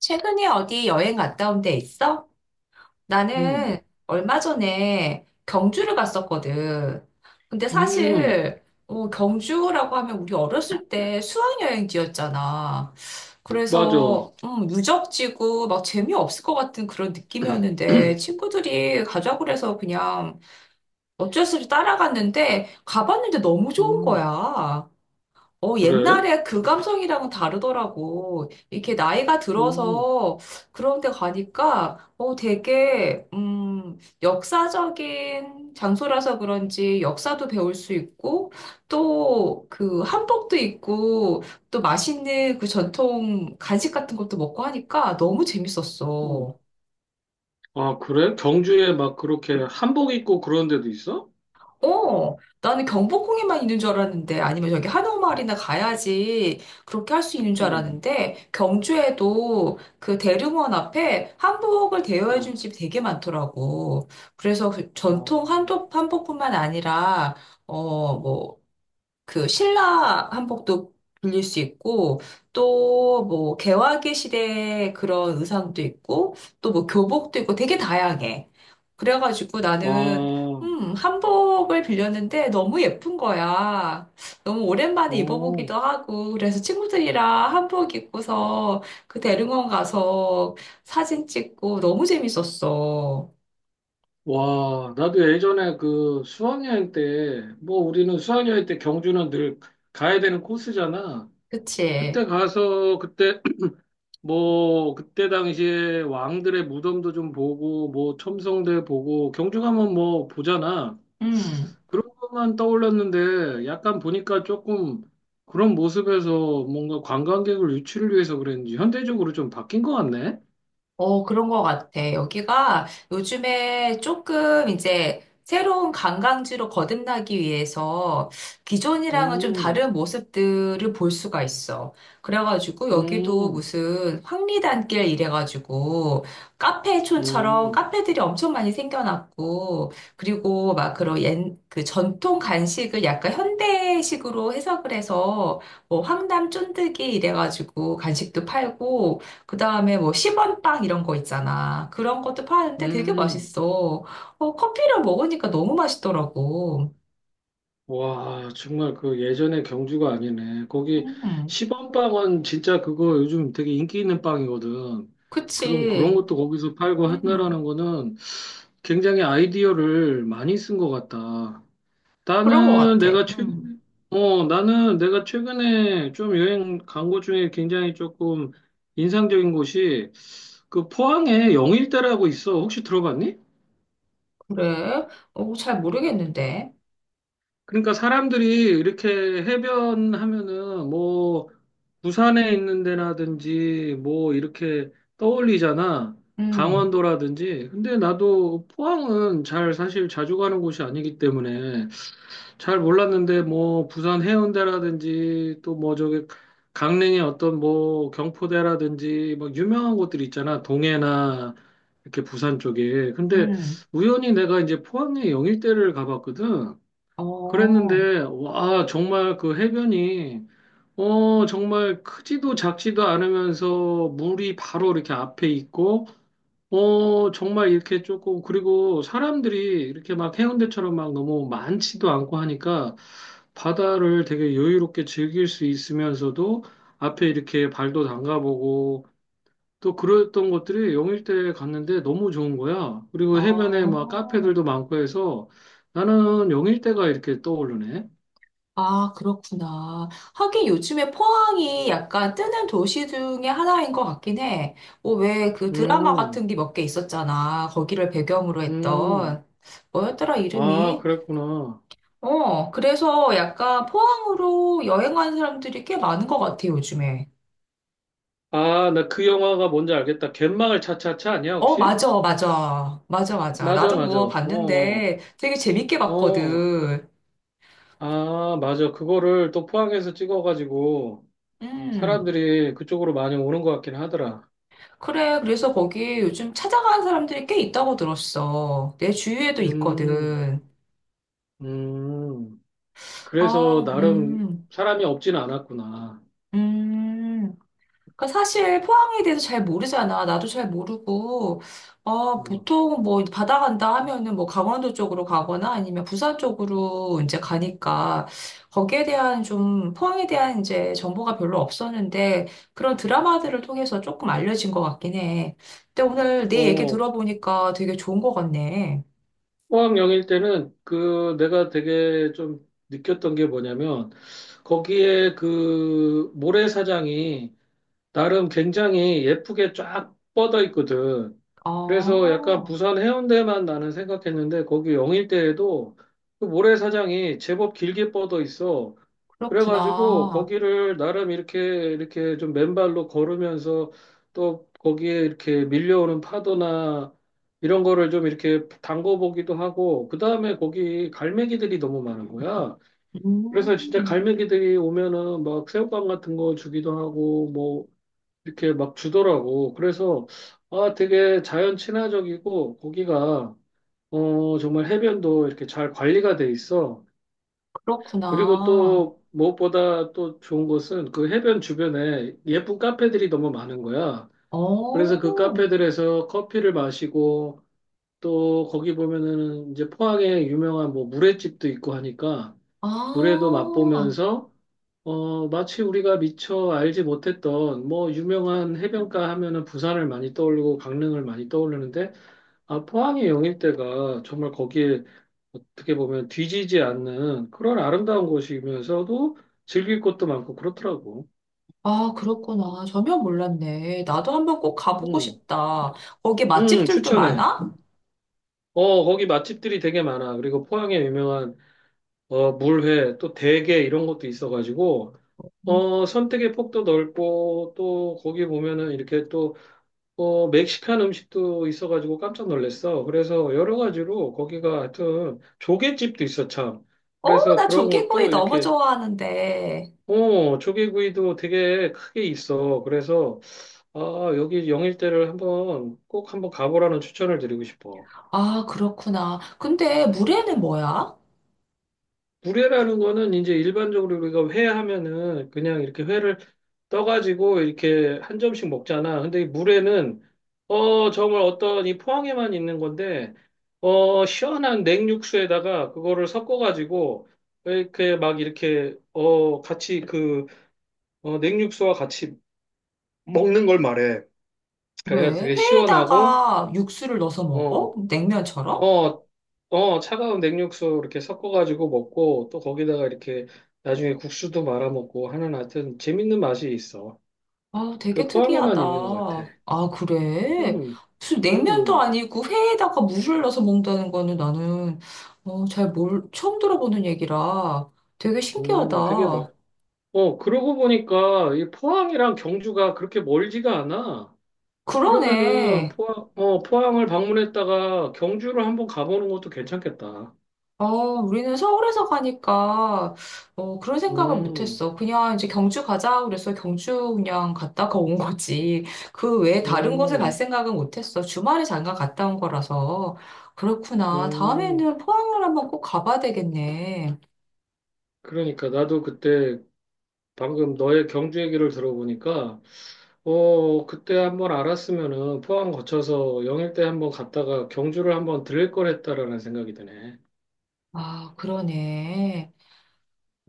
최근에 어디 여행 갔다 온 데 있어? 음, 나는 얼마 전에 경주를 갔었거든. 근데 음, 사실 경주라고 하면 우리 어렸을 때 수학여행지였잖아. 맞아. 그래서 유적지고 막 재미없을 것 같은 그런 느낌이었는데 친구들이 가자고 그래서 그냥 어쩔 수 없이 따라갔는데 가봤는데 너무 좋은 음, 거야. 그래? 옛날에 그 감성이랑은 다르더라고. 이렇게 나이가 오, 들어서 그런 데 가니까, 되게, 역사적인 장소라서 그런지 역사도 배울 수 있고, 또 그 한복도 있고, 또 맛있는 그 전통 간식 같은 것도 먹고 하니까 너무 오. 재밌었어. 아, 그래? 경주에 막 그렇게 한복 입고 그런 데도 있어? 어, 나는 경복궁에만 있는 줄 알았는데, 아니면 저기 한옥마을이나 가야지 그렇게 할 수 있는 줄 응. 알았는데, 경주에도 그 대릉원 앞에 한복을 대여해준 어, 집이 되게 많더라고. 그래서 그 전통 어. 한복, 한복뿐만 아니라, 뭐, 그 신라 한복도 빌릴 수 있고 또 뭐 개화기 시대의 그런 의상도 있고 또 뭐 교복도 있고 되게 다양해. 그래가지고 나는 와, 한복을 빌렸는데 너무 예쁜 거야. 너무 오랜만에 오, 입어보기도 하고 그래서 친구들이랑 한복 입고서 그 대릉원 가서 사진 찍고 너무 재밌었어. 와, 나도 예전에 그 수학여행 때, 뭐 우리는 수학여행 때 경주는 늘 가야 되는 코스잖아. 그때 그치? 가서 그때 뭐 그때 당시에 왕들의 무덤도 좀 보고 뭐 첨성대 보고 경주 가면 뭐 보잖아. 음. 그런 것만 떠올랐는데 약간 보니까 조금 그런 모습에서 뭔가 관광객을 유치를 위해서 그랬는지 현대적으로 좀 바뀐 것 같네. 그런 것 같아. 여기가 요즘에 조금 이제 새로운 관광지로 거듭나기 위해서 기존이랑은 좀 음. 다른 모습들을 볼 수가 있어. 그래가지고 여기도 음. 무슨 황리단길 이래가지고 카페촌처럼 음. 카페들이 엄청 많이 생겨났고 그리고 막 그런 그 전통 간식을 약간 현대식으로 해석을 해서 뭐 황담 쫀득이 이래가지고 간식도 팔고 그 다음에 뭐 10원 빵 이런 거 있잖아. 그런 것도 파는데 되게 음. 맛있어. 커피랑 먹으니까 너무 맛있더라고. 와, 정말 그 예전의 경주가 아니네. 거기 음, 시범빵은 진짜 그거 요즘 되게 인기 있는 빵이거든. 그럼 그런 그치. 것도 거기서 팔고 음, 한다라는 거는 굉장히 아이디어를 많이 쓴 것 같다. 그런 것 나는 같아. 내가 최근에, 나는 내가 최근에 좀 여행 간 곳 중에 굉장히 조금 인상적인 곳이 그 포항에 영일대라고 있어. 혹시 들어봤니? 그래. 잘 모르겠는데. 그러니까 사람들이 이렇게 해변 하면은 뭐 부산에 있는 데라든지 뭐 이렇게 떠올리잖아. 음, 강원도라든지. 근데 나도 포항은 잘 사실 자주 가는 곳이 아니기 때문에 잘 몰랐는데 뭐 부산 해운대라든지 또 뭐 저기 강릉의 어떤 뭐 경포대라든지 뭐 유명한 곳들 있잖아 동해나 이렇게 부산 쪽에. 근데 음, 우연히 내가 이제 포항의 영일대를 가봤거든. 어, 그랬는데 와 정말 그 해변이 정말 크지도 작지도 않으면서 물이 바로 이렇게 앞에 있고 정말 이렇게 조금, 그리고 사람들이 이렇게 막 해운대처럼 막 너무 많지도 않고 하니까 바다를 되게 여유롭게 즐길 수 있으면서도 앞에 이렇게 발도 담가보고 또 그랬던 것들이 영일대에 갔는데 너무 좋은 거야. 그리고 해변에 막 어. 카페들도 많고 해서 나는 영일대가 이렇게 떠오르네. 아, 그렇구나. 하긴 요즘에 포항이 약간 뜨는 도시 중에 하나인 것 같긴 해. 왜 그 드라마 음. 같은 게 몇 개 있었잖아. 거기를 배경으로 음. 했던. 뭐였더라, 아, 이름이? 그랬구나. 그래서 약간 포항으로 여행하는 사람들이 꽤 많은 것 같아, 요즘에. 아, 나 그 영화가 뭔지 알겠다. 갯마을 차차차 아니야, 어, 혹시? 맞아, 맞아. 맞아, 맞아. 맞아, 나도 맞아. 그거 어. 어. 봤는데 되게 재밌게 어, 봤거든. 아, 맞아. 그거를 또 포항에서 찍어가지고 음. 사람들이 그쪽으로 많이 오는 것 같긴 하더라. 그래, 그래서 거기 요즘 찾아가는 사람들이 꽤 있다고 들었어. 내 주위에도 음. 있거든. 음. 어, 그래서 나름 사람이 없진 않았구나. 음. 그러니까 사실 포항에 대해서 잘 모르잖아. 나도 잘 모르고, 음. 보통 뭐 바다 간다 하면은 뭐 강원도 쪽으로 가거나 아니면 부산 쪽으로 이제 가니까 거기에 대한 좀 포항에 대한 이제 정보가 별로 없었는데 그런 드라마들을 통해서 조금 알려진 것 같긴 해. 근데 오늘 네 얘기 어, 들어보니까 되게 좋은 것 같네. 포항영일 때는 그 내가 되게 좀 느꼈던 게 뭐냐면 거기에 그 모래사장이 나름 굉장히 예쁘게 쫙 뻗어 있거든. 그래서 약간 아, 부산 해운대만 나는 생각했는데 거기 영일대에도 그 모래사장이 제법 길게 뻗어 있어. 그래가지고 그렇구나. 거기를 나름 이렇게 좀 맨발로 걸으면서 또 거기에 이렇게 밀려오는 파도나 이런 거를 좀 이렇게 담궈보기도 하고 그다음에 거기 갈매기들이 너무 많은 거야. 그래서 진짜 음, 갈매기들이 오면은 막 새우깡 같은 거 주기도 하고 뭐 이렇게 막 주더라고. 그래서 아 되게 자연 친화적이고 거기가 정말 해변도 이렇게 잘 관리가 돼 있어. 그리고 그렇구나. 또 무엇보다 또 좋은 것은 그 해변 주변에 예쁜 카페들이 너무 많은 거야. 그래서 그 어, 카페들에서 커피를 마시고 또 거기 보면은 이제 포항에 유명한 뭐 물회집도 있고 하니까 물회도 아, 맛보면서 마치 우리가 미처 알지 못했던 뭐 유명한 해변가 하면은 부산을 많이 떠올리고 강릉을 많이 떠오르는데 아, 포항의 영일대가 정말 거기에 어떻게 보면 뒤지지 않는 그런 아름다운 곳이면서도 즐길 것도 많고 그렇더라고. 아, 그렇구나. 전혀 몰랐네. 나도 한번 꼭 가보고 음, 싶다. 거기 맛집들도 추천해. 많아? 거기 맛집들이 되게 많아. 그리고 포항에 유명한 물회 또 대게 이런 것도 있어가지고 음. 선택의 폭도 넓고 또 거기 보면은 이렇게 또 멕시칸 음식도 있어가지고 깜짝 놀랐어. 그래서 여러 가지로 거기가 하여튼 조개집도 있어, 참. 어, 그래서 나 그런 조개구이 것도 너무 이렇게, 좋아하는데. 조개구이도 되게 크게 있어. 그래서, 아, 여기 영일대를 한번 꼭 한번 가보라는 추천을 드리고 싶어. 아, 그렇구나. 근데 물회는 뭐야? 구례라는 거는 이제 일반적으로 우리가 회 하면은 그냥 이렇게 회를 떠가지고 이렇게 한 점씩 먹잖아. 근데 이 물에는 정말 어떤 이 포항에만 있는 건데 시원한 냉육수에다가 그거를 섞어가지고 이렇게 같이 그 냉육수와 같이 먹는 걸 말해. 그래서 그래, 되게 시원하고 회에다가 육수를 넣어서 먹어? 어 냉면처럼? 어, 차가운 냉육수 이렇게 섞어가지고 먹고 또 거기다가 이렇게 나중에 국수도 말아 먹고 하는 하여튼 재밌는 맛이 있어. 아, 그 되게 포항에만 특이하다. 있는 것 같아. 아, 그래? 음, 무슨 냉면도 음, 아니고 회에다가 물을 넣어서 먹는다는 거는 나는 처음 들어보는 얘기라 되게 되게 신기하다. 맛. 그러고 보니까 이 포항이랑 경주가 그렇게 멀지가 않아. 그러면은 그러네. 포항을 방문했다가 경주를 한번 가보는 것도 괜찮겠다. 우리는 서울에서 가니까 그런 생각을 음. 못했어. 그냥 이제 경주 가자 그래서 경주 그냥 갔다가 온 거지. 그 외에 다른 곳에 갈 음. 생각은 못했어. 주말에 잠깐 갔다 온 거라서. 그렇구나. 음. 다음에는 포항을 한번 꼭 가봐야 되겠네. 그러니까 나도 그때 방금 너의 경주 얘기를 들어보니까 그때 한번 알았으면은 포항 거쳐서 영일대 한번 갔다가 경주를 한번 들릴 걸 했다라는 생각이 드네. 아, 그러네.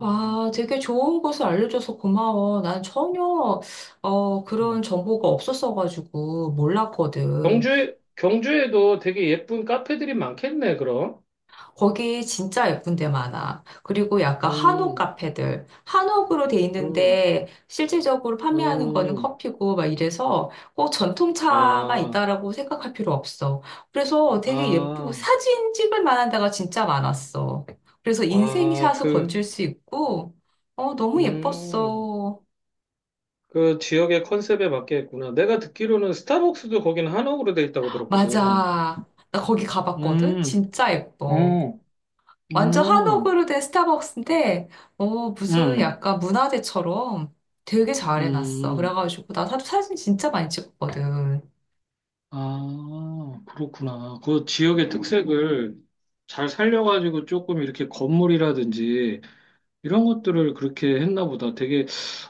음. 되게 좋은 것을 알려줘서 고마워. 난 전혀, 그런 음. 정보가 없었어가지고 몰랐거든. 경주에, 경주에도 되게 예쁜 카페들이 많겠네, 그럼. 거기 진짜 예쁜 데 많아. 그리고 약간 한옥 음. 카페들. 한옥으로 돼 음. 있는데 실질적으로 판매하는 거는 음. 커피고 막 이래서 꼭 전통차만 아, 있다라고 생각할 필요 없어. 그래서 되게 예쁘고 아, 사진 찍을 만한 데가 진짜 많았어. 그래서 아, 인생샷을 그, 건질 수 있고, 너무 음, 예뻤어. 그 지역의 컨셉에 맞게 했구나. 내가 듣기로는 스타벅스도 거기는 한옥으로 돼 있다고 들었거든. 맞아. 나 거기 가봤거든? 음. 진짜 예뻐. 어. 완전 음. 한옥으로 된 스타벅스인데, 무슨 음. 약간 문화재처럼 되게 잘 해놨어. 음. 그래가지고, 나 사진 진짜 많이 찍었거든. 아, 그렇구나. 그 지역의 특색을 잘 살려가지고 조금 이렇게 건물이라든지 이런 것들을 그렇게 했나 보다. 되게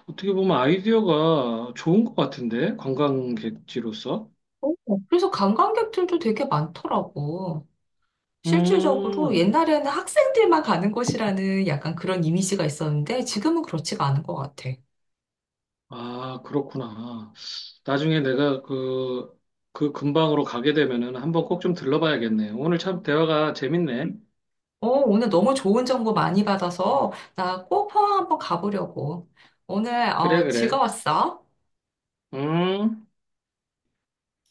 어떻게 보면 아이디어가 좋은 것 같은데, 관광객지로서. 어, 그래서 관광객들도 되게 많더라고. 실질적으로 음, 옛날에는 학생들만 가는 곳이라는 약간 그런 이미지가 있었는데, 지금은 그렇지가 않은 것 같아. 아, 그렇구나. 나중에 내가 그, 그 근방으로 가게 되면은 한번 꼭 좀 들러봐야겠네. 오늘 참 대화가 재밌네. 오늘 너무 좋은 정보 많이 받아서, 나 꼭 포항 한번 가보려고. 오늘, 그래, 그래. 즐거웠어. 음.